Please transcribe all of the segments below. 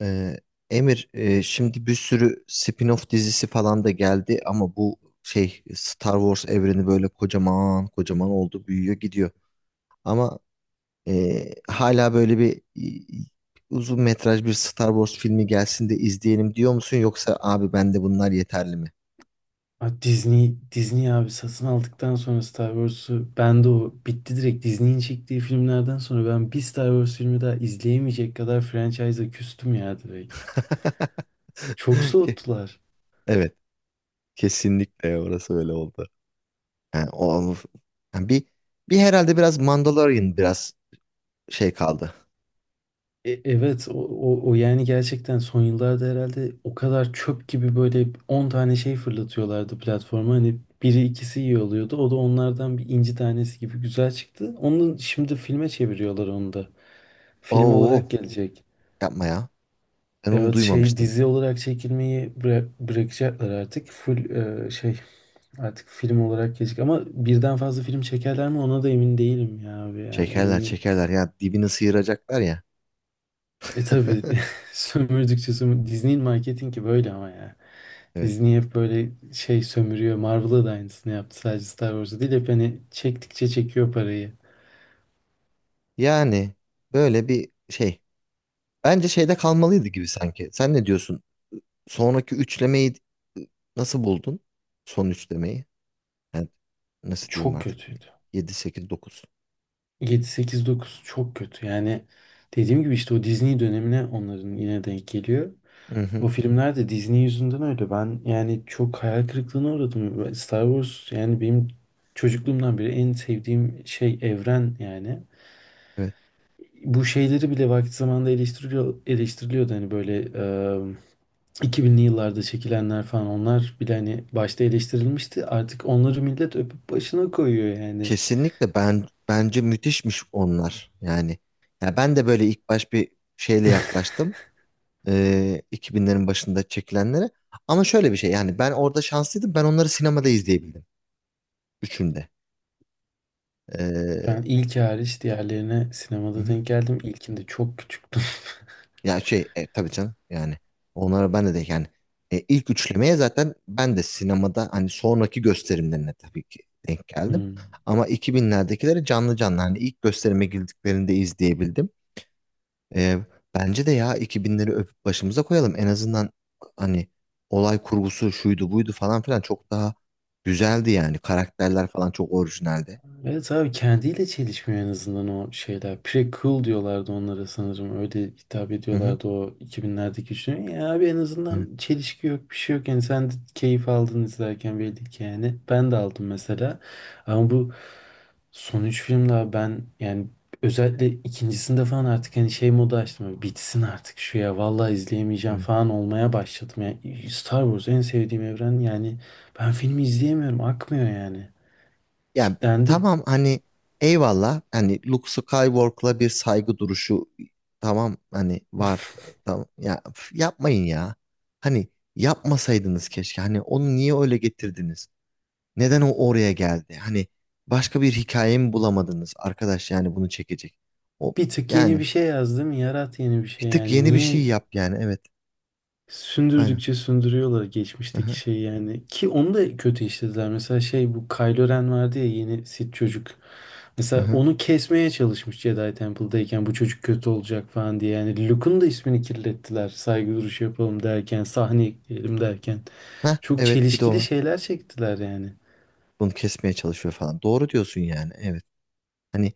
Ee, Emir, şimdi bir sürü spin-off dizisi falan da geldi, ama bu şey Star Wars evreni böyle kocaman kocaman oldu, büyüyor, gidiyor. Ama hala böyle bir e, uzun metraj bir Star Wars filmi gelsin de izleyelim diyor musun, yoksa abi ben de bunlar yeterli mi? Disney abi satın aldıktan sonra Star Wars'u ben de o bitti direkt Disney'in çektiği filmlerden sonra ben bir Star Wars filmi daha izleyemeyecek kadar franchise'a küstüm ya direkt. Çok Ke- soğuttular. Evet, kesinlikle orası öyle oldu. Yani o, yani bir herhalde biraz Mandalorian biraz şey kaldı. E, evet o, o, o yani gerçekten son yıllarda herhalde o kadar çöp gibi böyle 10 tane şey fırlatıyorlardı platforma. Hani biri ikisi iyi oluyordu. O da onlardan bir inci tanesi gibi güzel çıktı. Onu şimdi filme çeviriyorlar onu da. Film olarak Oo, gelecek. yapma ya. Ben onu Evet duymamıştım. dizi olarak çekilmeyi bırakacaklar artık. Full e, şey artık film olarak gelecek ama birden fazla film çekerler mi ona da emin değilim ya abi yani Çekerler emin. çekerler ya, dibini sıyıracaklar ya. E tabii, sömürdükçe sömür Disney'in marketingi böyle ama ya. Evet. Disney hep böyle sömürüyor. Marvel'a da aynısını yaptı, sadece Star Wars'a değil, hep hani çektikçe çekiyor parayı. Yani böyle bir şey. Bence şeyde kalmalıydı gibi sanki. Sen ne diyorsun? Sonraki üçlemeyi nasıl buldun? Son üçlemeyi. Yani nasıl diyeyim Çok artık? kötüydü. 7, 8, 9. 7 8 9 çok kötü. Yani dediğim gibi işte o Disney dönemine onların yine denk geliyor. Hı O hı. filmler de Disney yüzünden öyle. Ben yani çok hayal kırıklığına uğradım. Star Wars yani benim çocukluğumdan beri en sevdiğim evren yani. Evet. Bu şeyleri bile vakti zamanında eleştiriliyordu. Hani böyle 2000'li yıllarda çekilenler falan onlar bile hani başta eleştirilmişti. Artık onları millet öpüp başına koyuyor yani. Kesinlikle, ben bence müthişmiş onlar. Yani ya ben de böyle ilk baş bir şeyle yaklaştım. 2000'lerin başında çekilenlere. Ama şöyle bir şey, yani ben orada şanslıydım. Ben onları sinemada izleyebildim. Üçünde. Ben Ee, ilk hariç diğerlerine hı sinemada hı. denk geldim. İlkinde çok küçüktüm. Ya şey, tabii canım, yani onlara ben de yani, ilk üçlemeye zaten ben de sinemada, hani sonraki gösterimlerine tabii ki denk geldim. Hmm. Ama 2000'lerdekileri canlı canlı, hani ilk gösterime girdiklerinde izleyebildim. Ee, Bence de ya 2000'leri öpüp başımıza koyalım. En azından hani olay kurgusu şuydu buydu falan filan çok daha güzeldi yani. Karakterler falan çok orijinaldi. Evet abi kendiyle çelişmiyor en azından o şeyler. Pre-cool diyorlardı onlara sanırım. Öyle hitap Hı hı. ediyorlardı o 2000'lerdeki üçlü. Ya abi en Evet, azından çelişki yok, bir şey yok. Yani sen de keyif aldın izlerken belli ki yani. Ben de aldım mesela. Ama bu son üç filmde abi ben yani özellikle ikincisinde falan artık hani modu açtım. Böyle bitsin artık şu ya, vallahi izleyemeyeceğim evet. falan olmaya başladım. Yani Star Wars en sevdiğim evren yani ben filmi izleyemiyorum, akmıyor yani. Yani Kitlendi. tamam, hani eyvallah, hani Luke Skywalker'la bir saygı duruşu, tamam hani var. Tamam ya, üf, yapmayın ya. Hani yapmasaydınız keşke. Hani onu niye öyle getirdiniz? Neden o oraya geldi? Hani başka bir hikaye mi bulamadınız arkadaş, yani bunu çekecek. O Bir tık yeni Yani bir şey yazdım. Yarat yeni bir şey bir tık yani. yeni bir şey Niye yap, yani evet. Aynen. sündürdükçe sündürüyorlar Hı geçmişteki hı. şeyi yani. Ki onu da kötü işlediler. Mesela bu Kylo Ren vardı ya, yeni Sith çocuk. Hı Mesela hı. onu kesmeye çalışmış Jedi Temple'dayken, bu çocuk kötü olacak falan diye. Yani Luke'un da ismini kirlettiler. Saygı duruşu yapalım derken, sahne ekleyelim derken. Heh, Çok evet, bir de o çelişkili var. şeyler çektiler yani. Bunu kesmeye çalışıyor falan. Doğru diyorsun yani. Evet. Hani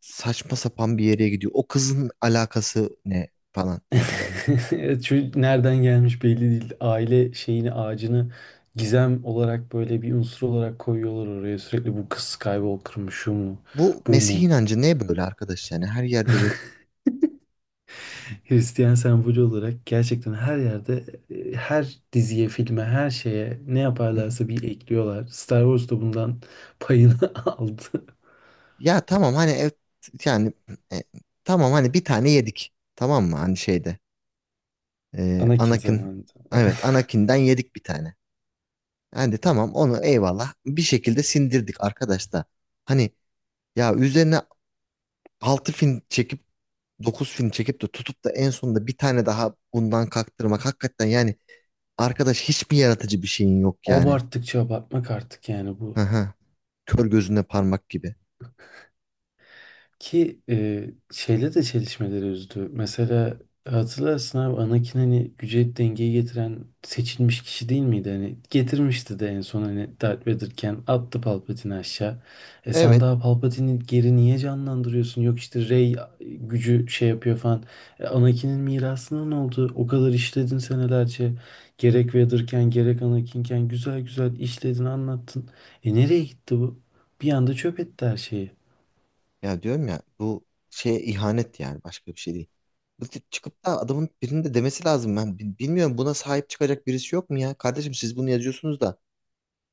saçma sapan bir yere gidiyor. O kızın alakası ne falan, yani böyle. Evet, çocuk nereden gelmiş belli değil. Aile şeyini, ağacını gizem olarak böyle bir unsur olarak koyuyorlar oraya. Sürekli bu kız Skywalker mı, şu mu, Bu bu Mesih mu? inancı ne böyle arkadaş, yani her yerde bir. Hristiyan sembolü olarak gerçekten her yerde, her diziye, filme, her şeye ne Hı hı. yaparlarsa bir ekliyorlar. Star Wars da bundan payını aldı. Ya tamam, hani evet, yani e, tamam hani bir tane yedik, tamam mı, hani şeyde Anakin Anakin. zamanında. Evet, Anakin'den yedik bir tane. Yani tamam, onu eyvallah bir şekilde sindirdik arkadaş da. Hani ya üzerine 6 film çekip, 9 film çekip de tutup da en sonunda bir tane daha bundan kaktırmak, hakikaten yani. Arkadaş, hiçbir yaratıcı bir şeyin yok yani. Abarttıkça abartmak artık yani bu. Hı hı. Kör gözüne parmak gibi. Ki e, şeyle de çelişmeleri üzdü. Mesela hatırlarsın abi, Anakin hani güce dengeyi getiren seçilmiş kişi değil miydi? Hani getirmişti de en son, hani Darth Vader'ken attı Palpatine'i aşağı. E sen Evet. daha Palpatine'i geri niye canlandırıyorsun? Yok işte Rey gücü yapıyor falan. Anakin'in mirasına ne oldu? O kadar işledin senelerce. Gerek Vader'ken gerek Anakin'ken güzel güzel işledin, anlattın. E nereye gitti bu? Bir anda çöp etti her şeyi. Ya diyorum ya, bu şeye ihanet, yani başka bir şey değil. Bu tip çıkıp da adamın birinin de demesi lazım. Ben bilmiyorum, buna sahip çıkacak birisi yok mu ya? Kardeşim, siz bunu yazıyorsunuz da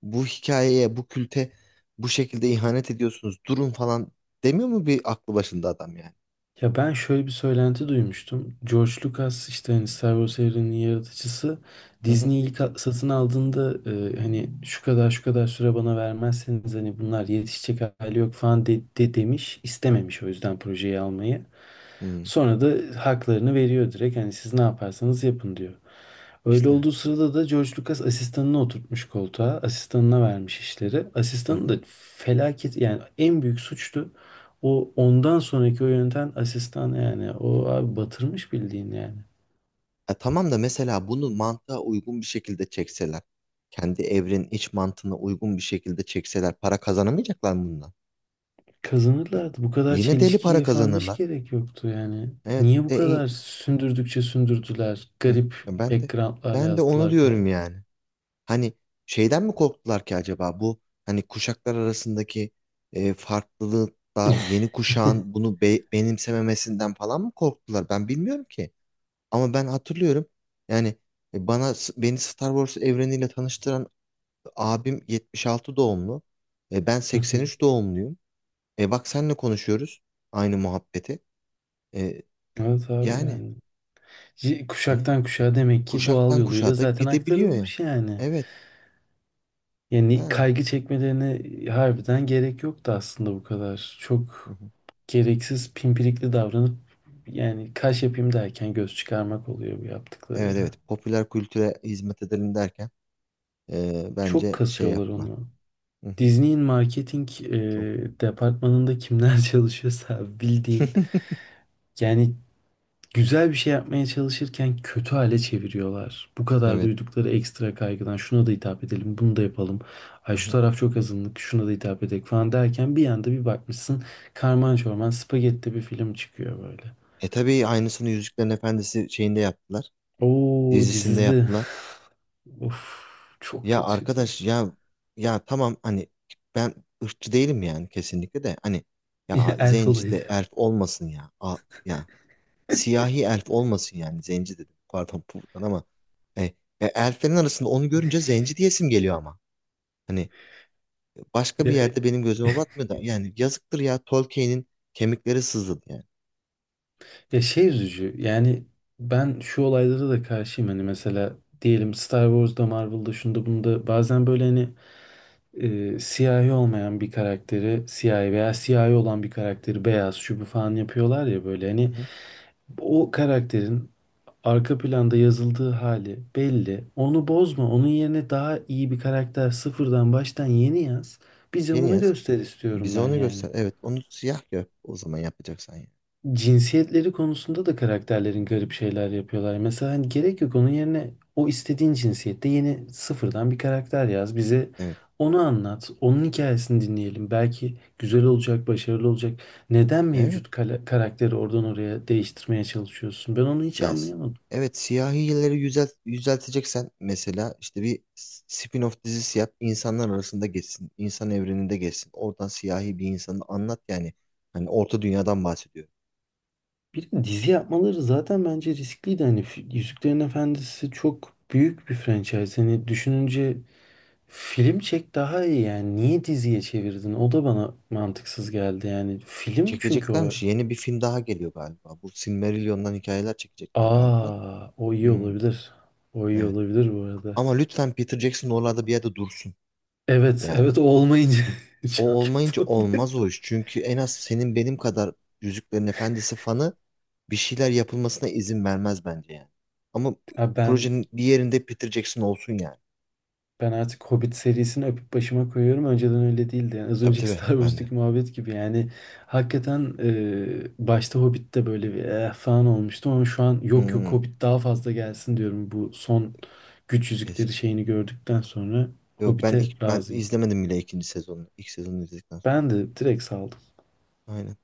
bu hikayeye, bu külte bu şekilde ihanet ediyorsunuz. Durun falan demiyor mu bir aklı başında adam yani? Ya ben şöyle bir söylenti duymuştum. George Lucas, işte hani Star Wars evreninin yaratıcısı, Hı hı. Disney ilk satın aldığında hani şu kadar şu kadar süre bana vermezseniz hani bunlar yetişecek hali yok falan de demiş, istememiş o yüzden projeyi almayı. Hı. Sonra da haklarını veriyor direkt, hani siz ne yaparsanız yapın diyor. Öyle İşte. olduğu sırada da George Lucas asistanını oturtmuş koltuğa. Asistanına vermiş işleri. Hı Asistanı hı. da felaket yani, en büyük suçtu. O ondan sonraki o yöneten asistan yani. O abi batırmış bildiğin yani. Tamam da mesela bunu mantığa uygun bir şekilde çekseler, kendi evrenin iç mantığına uygun bir şekilde çekseler, para kazanamayacaklar mı bundan? Y- Kazanırlardı. Bu kadar Yine deli para çelişkiye falan hiç kazanırlar. gerek yoktu yani. Evet, Niye bu de, kadar in- sündürdükçe sündürdüler? Hı, Garip ben de backgroundlar ben de onu yazdılar diyorum karakter. yani. Hani şeyden mi korktular ki acaba, bu hani kuşaklar arasındaki farklılıkta yeni kuşağın bunu benimsememesinden falan mı korktular? Ben bilmiyorum ki. Ama ben hatırlıyorum. Yani beni Star Wars evreniyle tanıştıran abim 76 doğumlu. Ben Hı hı. 83 doğumluyum. Bak, senle konuşuyoruz aynı muhabbeti. E, Evet abi Yani yani. Hani Kuşaktan kuşağa demek ki doğal kuşaktan yoluyla kuşağa da zaten gidebiliyor ya. aktarılmış yani. Evet Yani yani. kaygı çekmelerine harbiden gerek yoktu aslında bu kadar. Hı Çok hı. gereksiz pimpirikli davranıp yani kaş yapayım derken göz çıkarmak oluyor bu yaptıkları Evet, ya. evet, popüler kültüre hizmet edelim derken Çok bence şey kasıyorlar yaptılar. onu. Hı hı. Disney'in marketing Çok. departmanında kimler çalışıyorsa bildiğin yani güzel bir şey yapmaya çalışırken kötü hale çeviriyorlar. Bu kadar Evet. duydukları ekstra kaygıdan şuna da hitap edelim, bunu da yapalım. Ay Hı şu hı. taraf çok azınlık, şuna da hitap edelim falan derken bir anda bir bakmışsın karman çorman spagetti bir film çıkıyor böyle. Tabii, aynısını Yüzüklerin Efendisi şeyinde yaptılar. Oo Dizisinde dizizdi. yaptılar. Of, çok Ya kötüydü. arkadaş ya, ya tamam hani, ben ırkçı değilim yani, kesinlikle de hani ya Elf zenci de olaydı. elf olmasın ya. Ya, siyahi elf olmasın, yani zenci dedim, pardon buradan, ama e, elflerin arasında onu görünce zenci diyesim geliyor ama. Hani başka Ya, bir yerde benim gözüme batmıyor da, yani yazıktır ya, Tolkien'in kemikleri sızladı yani. ya üzücü yani, ben şu olaylara da karşıyım hani, mesela diyelim Star Wars'da, Marvel'da, şunda bunda bazen böyle hani siyahi olmayan bir karakteri siyahi, veya siyahi olan bir karakteri beyaz şu bu falan yapıyorlar ya, böyle Hı hani hı. o karakterin arka planda yazıldığı hali belli. Onu bozma. Onun yerine daha iyi bir karakter sıfırdan, baştan yeni yaz. Bize Yeni onu yaz. göster istiyorum Bize ben onu yani. göster. Evet, onu siyah yap o zaman, yapacaksan ya. Cinsiyetleri konusunda da karakterlerin garip şeyler yapıyorlar. Mesela hani gerek yok, onun yerine o istediğin cinsiyette yeni, sıfırdan bir karakter yaz. Bize Evet. onu anlat. Onun hikayesini dinleyelim. Belki güzel olacak, başarılı olacak. Neden Evet. mevcut karakteri oradan oraya değiştirmeye çalışıyorsun? Ben onu hiç Yaz. anlayamadım. Evet, siyahileri yüzelteceksen, mesela işte bir spin-off dizisi yap. İnsanlar arasında geçsin. İnsan evreninde geçsin. Oradan siyahi bir insanı anlat yani. Hani Orta Dünya'dan bahsediyor. Bir de dizi yapmaları zaten bence riskliydi. Hani Yüzüklerin Efendisi çok büyük bir franchise. Hani düşününce film çek daha iyi yani. Niye diziye çevirdin? O da bana mantıksız geldi yani. Film çünkü o. Çekeceklermiş. Yeni bir film daha geliyor galiba. Bu Silmarillion'dan hikayeler çekecekler galiba. Aa, o iyi Hmm, olabilir. O iyi evet. olabilir bu arada. Ama lütfen Peter Jackson oralarda bir yerde dursun. Evet, Yani. evet o olmayınca O çok olmayınca kötü oluyor. olmaz o iş. Çünkü en az senin benim kadar Yüzüklerin Efendisi fanı, bir şeyler yapılmasına izin vermez bence yani. Ama Ha ben projenin bir yerinde Peter Jackson olsun yani. Ben artık Hobbit serisini öpüp başıma koyuyorum. Önceden öyle değildi. Yani az Tabii önceki tabii, Star ben de. Wars'taki muhabbet gibi. Yani hakikaten başta Hobbit'te böyle bir falan olmuştu ama şu an yok, yok Hmm, Hobbit daha fazla gelsin diyorum. Bu son güç kesin. yüzükleri şeyini gördükten sonra Yok, Hobbit'e ben razıyım. izlemedim bile ikinci sezonunu. İlk sezonu izledikten sonra. Ben de direkt saldım. Aynen.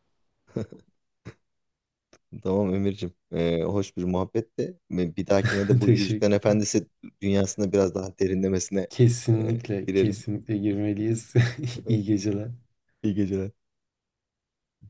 Tamam Emir'cim. Hoş bir muhabbetti. Bir dahakine de bu Yüzüklerin Teşekkür ederim. Efendisi dünyasına biraz daha derinlemesine e, Kesinlikle, girelim. kesinlikle girmeliyiz. İyi geceler. İyi geceler.